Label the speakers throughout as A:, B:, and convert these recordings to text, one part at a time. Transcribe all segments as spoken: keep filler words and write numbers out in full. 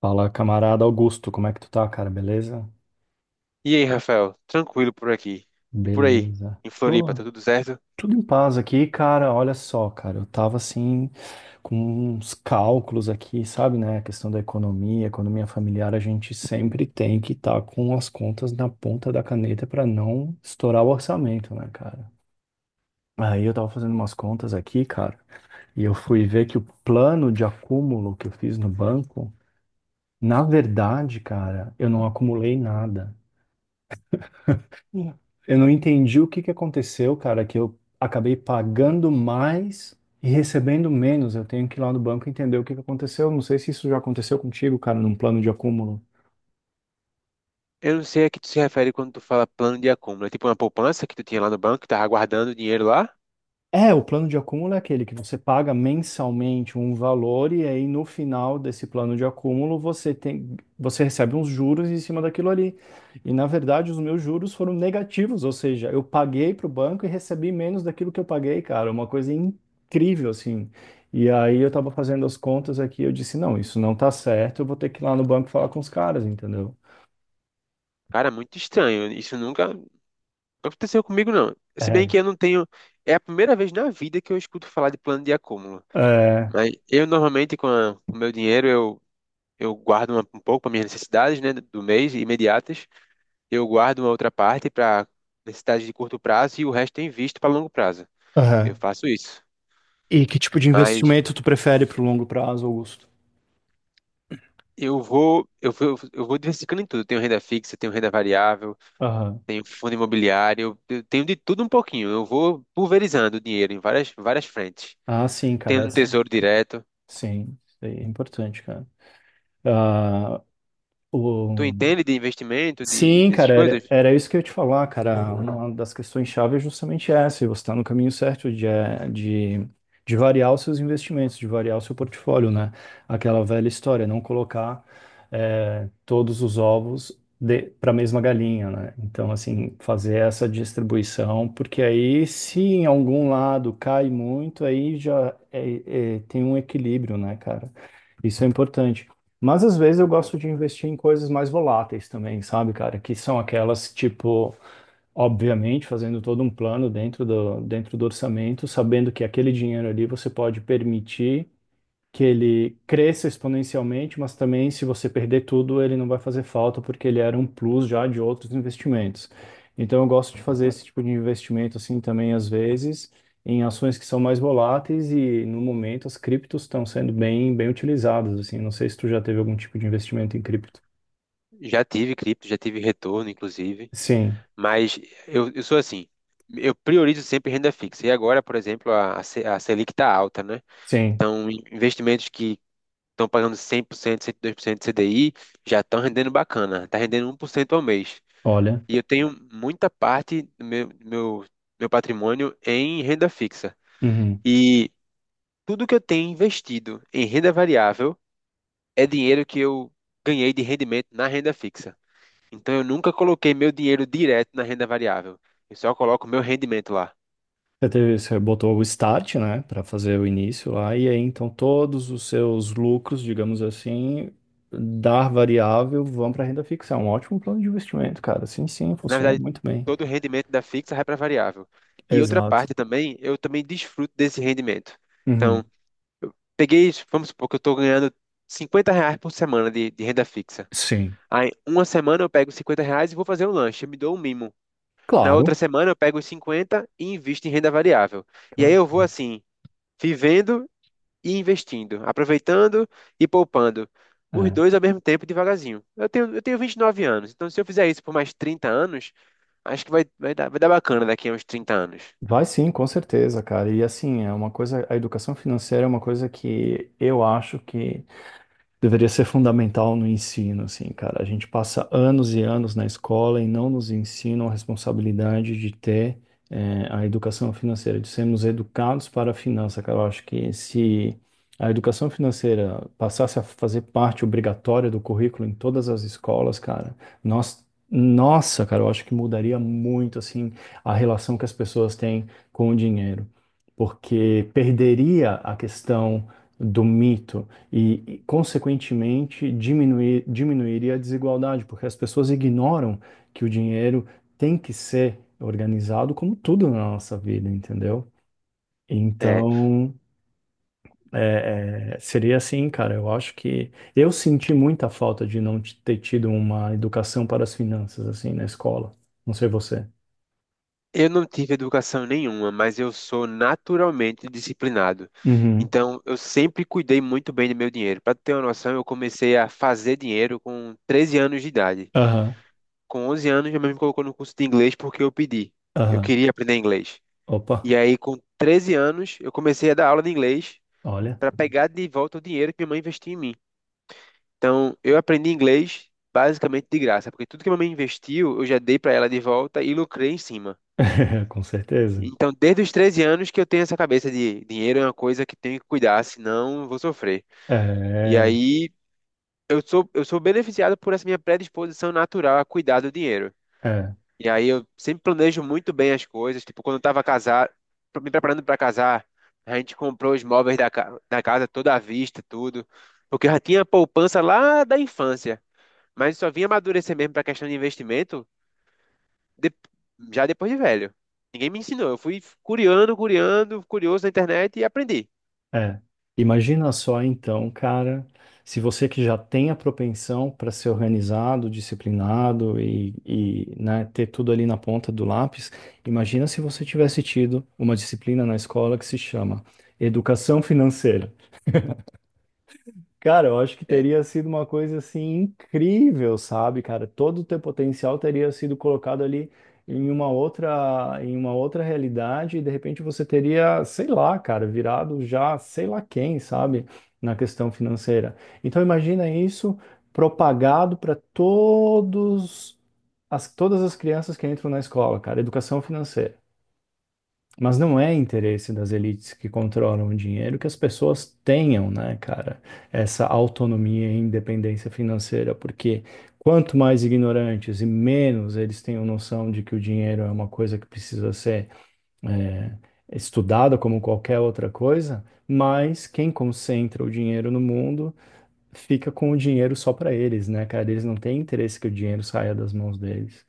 A: Fala, camarada Augusto, como é que tu tá, cara? Beleza?
B: E aí, Rafael, tranquilo por aqui. E por aí,
A: Beleza.
B: em Floripa,
A: Tô
B: tá tudo certo?
A: tudo em paz aqui, cara. Olha só, cara, eu tava assim com uns cálculos aqui, sabe, né? A questão da economia, economia familiar, a gente sempre tem que estar com as contas na ponta da caneta pra não estourar o orçamento, né, cara? Aí eu tava fazendo umas contas aqui, cara, e eu fui ver que o plano de acúmulo que eu fiz no banco, na verdade, cara, eu não acumulei nada. Uhum. Eu não entendi o que que aconteceu, cara, que eu acabei pagando mais e recebendo menos. Eu tenho que ir lá no banco entender o que que aconteceu. Não sei se isso já aconteceu contigo, cara, num plano de acúmulo.
B: Eu não sei a que tu se refere quando tu fala plano de acúmulo. É tipo uma poupança que tu tinha lá no banco, que tava guardando dinheiro lá?
A: É, o plano de acúmulo é aquele que você paga mensalmente um valor e aí no final desse plano de acúmulo você tem, você recebe uns juros em cima daquilo ali. E na verdade os meus juros foram negativos, ou seja, eu paguei para o banco e recebi menos daquilo que eu paguei, cara, é uma coisa incrível assim. E aí eu estava fazendo as contas aqui, eu disse, não, isso não tá certo, eu vou ter que ir lá no banco falar com os caras, entendeu?
B: Cara, é muito estranho. Isso nunca nunca aconteceu comigo, não. Se bem
A: É,
B: que eu não tenho. É a primeira vez na vida que eu escuto falar de plano de acúmulo.
A: é,
B: Mas eu normalmente, com a- o meu dinheiro, eu, eu guardo uma- um pouco para minhas necessidades, né, do mês, imediatas. Eu guardo uma outra parte para necessidades de curto prazo e o resto eu invisto para longo prazo. Eu
A: aham.
B: faço isso.
A: E que tipo de
B: Mas
A: investimento tu prefere para o longo prazo, Augusto?
B: eu vou, eu vou, eu vou diversificando em tudo. Eu tenho renda fixa, tenho renda variável, tenho fundo imobiliário, eu tenho de tudo um pouquinho. Eu vou pulverizando o dinheiro em várias, várias frentes.
A: Ah, sim,
B: Tenho
A: cara.
B: um
A: essa-
B: tesouro direto.
A: Sim, isso aí é importante, cara. Ah,
B: Tu
A: o,
B: entende de investimento, de
A: Sim,
B: dessas
A: cara, era,
B: coisas?
A: era isso que eu ia te falar, cara. Uma das questões chave é justamente essa. Você está no caminho certo de, eh, de, de variar os seus investimentos, de variar o seu portfólio, né? Aquela velha história, não colocar eh, todos os ovos para a mesma galinha, né? Então, assim, fazer essa distribuição, porque aí, se em algum lado cai muito, aí já eh, eh, tem um equilíbrio, né, cara? Isso é importante. Mas às vezes eu gosto de investir em coisas mais voláteis também, sabe, cara? Que são aquelas, tipo, obviamente, fazendo todo um plano dentro do, dentro do orçamento, sabendo que aquele dinheiro ali você pode permitir que ele cresça exponencialmente, mas também se você perder tudo, ele não vai fazer falta porque ele era um plus já de outros investimentos. Então eu gosto de fazer esse tipo de investimento assim também às vezes em ações que são mais voláteis e no momento as criptos estão sendo bem bem utilizadas assim. Não sei se tu já teve algum tipo de investimento em cripto.
B: Já tive cripto, já tive retorno, inclusive.
A: Sim,
B: Mas eu, eu sou assim. Eu priorizo sempre renda fixa. E agora, por exemplo, a, a Se- a Selic está alta, né?
A: sim.
B: Então, investimentos que estão pagando cem por cento, cento e dois por cento de C D I, já estão rendendo bacana, está rendendo um por cento ao mês.
A: Olha.
B: E eu tenho muita parte do meu, do meu, meu patrimônio em renda fixa.
A: Uhum.
B: E tudo que eu tenho investido em renda variável é dinheiro que eu ganhei de rendimento na renda fixa. Então eu nunca coloquei meu dinheiro direto na renda variável. Eu só coloco meu rendimento lá.
A: Você teve, você botou o start, né, para fazer o início lá, e aí então todos os seus lucros, digamos assim, da variável vão para renda fixa. É um ótimo plano de investimento, cara. Sim, sim,
B: Na
A: funciona
B: verdade,
A: muito bem.
B: todo o rendimento da fixa vai para variável. E outra
A: Exato.
B: parte também, eu também desfruto desse rendimento.
A: Uhum.
B: Então peguei, vamos supor que eu estou ganhando cinquenta reais por semana de, de renda fixa.
A: Sim.
B: Aí, uma semana eu pego cinquenta reais e vou fazer um lanche, me dou um mimo. Na
A: Claro,
B: outra semana eu pego os cinquenta e invisto em renda variável. E aí
A: claro.
B: eu vou assim, vivendo e investindo, aproveitando e poupando. Os
A: É.
B: dois ao mesmo tempo, devagarzinho. Eu tenho, eu tenho vinte e nove anos, então se eu fizer isso por mais trinta anos, acho que vai, vai dar, vai dar bacana daqui a uns trinta anos.
A: Vai sim, com certeza, cara. E assim, é uma coisa, a educação financeira é uma coisa que eu acho que deveria ser fundamental no ensino, assim, cara. A gente passa anos e anos na escola e não nos ensinam a responsabilidade de ter, eh, a educação financeira, de sermos educados para a finança, cara. Eu acho que se a educação financeira passasse a fazer parte obrigatória do currículo em todas as escolas, cara, nós Nossa, cara, eu acho que mudaria muito assim a relação que as pessoas têm com o dinheiro, porque perderia a questão do mito e, e, consequentemente, diminuir, diminuiria a desigualdade, porque as pessoas ignoram que o dinheiro tem que ser organizado como tudo na nossa vida, entendeu?
B: É.
A: Então, é, é, seria assim, cara. Eu acho que eu senti muita falta de não t- ter tido uma educação para as finanças, assim, na escola. Não sei você.
B: Eu não tive educação nenhuma, mas eu sou naturalmente disciplinado.
A: Uhum.
B: Então, eu sempre cuidei muito bem do meu dinheiro. Para ter uma noção, eu comecei a fazer dinheiro com treze anos de idade.
A: Aham,
B: Com onze anos, minha mãe me colocou no curso de inglês porque eu pedi. Eu
A: aham.
B: queria aprender inglês.
A: Opa,
B: E aí, com treze anos, eu comecei a dar aula de inglês
A: olha.
B: para pegar de volta o dinheiro que minha mãe investiu em mim. Então, eu aprendi inglês basicamente de graça, porque tudo que minha mãe investiu, eu já dei para ela de volta e lucrei em cima.
A: Com certeza.
B: Então, desde os treze anos que eu tenho essa cabeça de dinheiro é uma coisa que tenho que cuidar, senão eu vou sofrer. E
A: É,
B: aí eu sou, eu sou beneficiado por essa minha predisposição natural a cuidar do dinheiro.
A: é.
B: E aí eu sempre planejo muito bem as coisas. Tipo, quando eu estava casar, me preparando para casar, a gente comprou os móveis da, ca- da casa toda à vista, tudo. Porque eu já tinha poupança lá da infância. Mas só vinha amadurecer mesmo para a questão de investimento de- já depois de velho. Ninguém me ensinou. Eu fui curiando, curiando, curioso na internet e aprendi.
A: É. Imagina só então, cara, se você que já tem a propensão para ser organizado, disciplinado e, e, né, ter tudo ali na ponta do lápis, imagina se você tivesse tido uma disciplina na escola que se chama Educação Financeira. Cara, eu acho que
B: É,
A: teria sido uma coisa assim incrível, sabe, cara? Todo o teu potencial teria sido colocado ali em uma outra, em uma outra realidade e de repente você teria, sei lá, cara, virado já sei lá quem, sabe, na questão financeira. Então imagina isso propagado para todos as, todas as crianças que entram na escola, cara, educação financeira. Mas não é interesse das elites que controlam o dinheiro que as pessoas tenham, né, cara, essa autonomia e independência financeira, porque quanto mais ignorantes e menos eles tenham noção de que o dinheiro é uma coisa que precisa ser é, estudada como qualquer outra coisa, mais quem concentra o dinheiro no mundo fica com o dinheiro só para eles, né, cara? Eles não têm interesse que o dinheiro saia das mãos deles.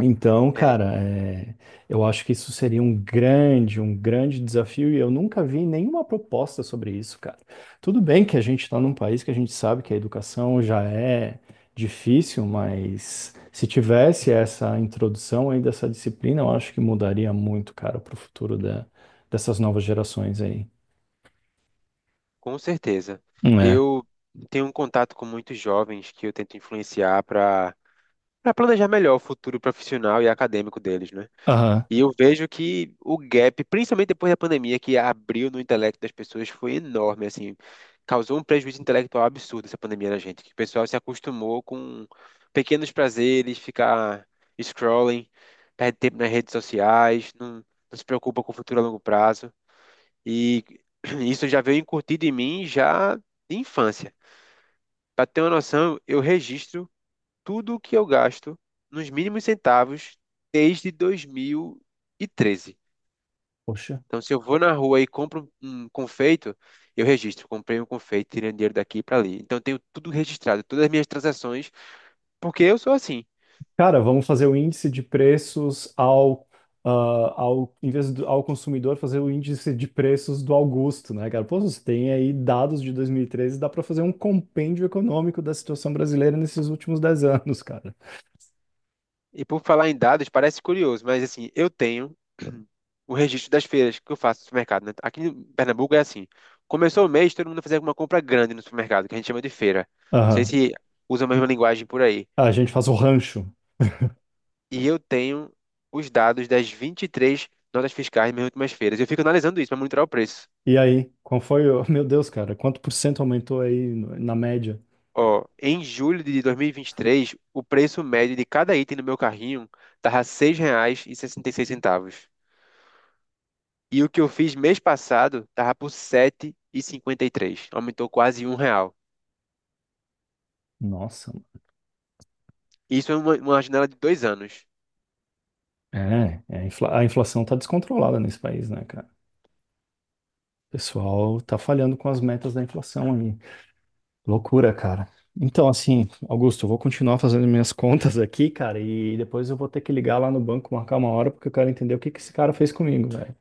A: Então,
B: é,
A: cara, é, eu acho que isso seria um grande, um grande desafio e eu nunca vi nenhuma proposta sobre isso, cara. Tudo bem que a gente está num país que a gente sabe que a educação já é difícil, mas se tivesse essa introdução aí dessa disciplina, eu acho que mudaria muito, cara, para o futuro da- dessas novas gerações aí.
B: com certeza.
A: É.
B: Eu tenho um contato com muitos jovens que eu tento influenciar para para planejar melhor o futuro profissional e acadêmico deles, né?
A: Aham.
B: E eu vejo que o gap, principalmente depois da pandemia, que abriu no intelecto das pessoas, foi enorme, assim, causou um prejuízo intelectual absurdo essa pandemia na gente, que o pessoal se acostumou com pequenos prazeres, ficar scrolling, perde tempo nas redes sociais, não, não se preocupa com o futuro a longo prazo, e isso já veio incutido em mim já de infância. Para ter uma noção, eu registro tudo o que eu gasto nos mínimos centavos desde dois mil e treze.
A: Poxa.
B: Então, se eu vou na rua e compro um um confeito, eu registro. Comprei um confeito, tirei o dinheiro daqui para ali. Então, eu tenho tudo registrado, todas as minhas transações, porque eu sou assim.
A: Cara, vamos fazer o índice de preços ao, ah, ao em vez do, ao consumidor, fazer o índice de preços do Augusto, né, cara? Pô, você tem aí dados de dois mil e treze. Dá para fazer um compêndio econômico da situação brasileira nesses últimos dez anos, cara.
B: E por falar em dados, parece curioso, mas assim, eu tenho o registro das feiras que eu faço no supermercado, né? Aqui em Pernambuco é assim. Começou o mês, todo mundo fazia uma compra grande no supermercado, que a gente chama de feira. Não sei
A: Aham.
B: se usa a mesma linguagem por aí.
A: Ah, a gente faz o rancho.
B: E eu tenho os dados das vinte e três notas fiscais das minhas últimas feiras. Eu fico analisando isso para monitorar o preço.
A: E aí, qual foi o... Meu Deus, cara, quanto por cento aumentou aí no- na média?
B: Ó, em julho de dois mil e vinte e três, o preço médio de cada item no meu carrinho tava R$ seis reais e sessenta e E seis centavos. E o que eu fiz mês passado tava por R$ sete e cinquenta e três. Aumentou quase um real.
A: Nossa, mano.
B: Isso é uma, uma janela de dois anos.
A: É, é, a infla- a inflação tá descontrolada nesse país, né, cara? O pessoal tá falhando com as metas da inflação. Loucura, cara. Então, assim, Augusto, eu vou continuar fazendo minhas contas aqui, cara, e depois eu vou ter que ligar lá no banco, marcar uma hora, porque eu quero entender o que que esse cara fez comigo, velho.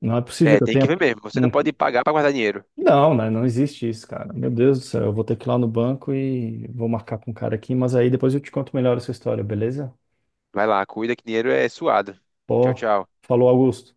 A: Não é possível
B: É,
A: que eu
B: tem que
A: tenha.
B: ver mesmo. Você não
A: Não,
B: pode pagar para guardar dinheiro.
A: não, né? Não existe isso, cara. Meu Deus do céu, eu vou ter que ir lá no banco e vou marcar com o cara aqui, mas aí depois eu te conto melhor essa história, beleza?
B: Vai lá, cuida que dinheiro é suado. Tchau,
A: Pô,
B: tchau.
A: falou, Augusto.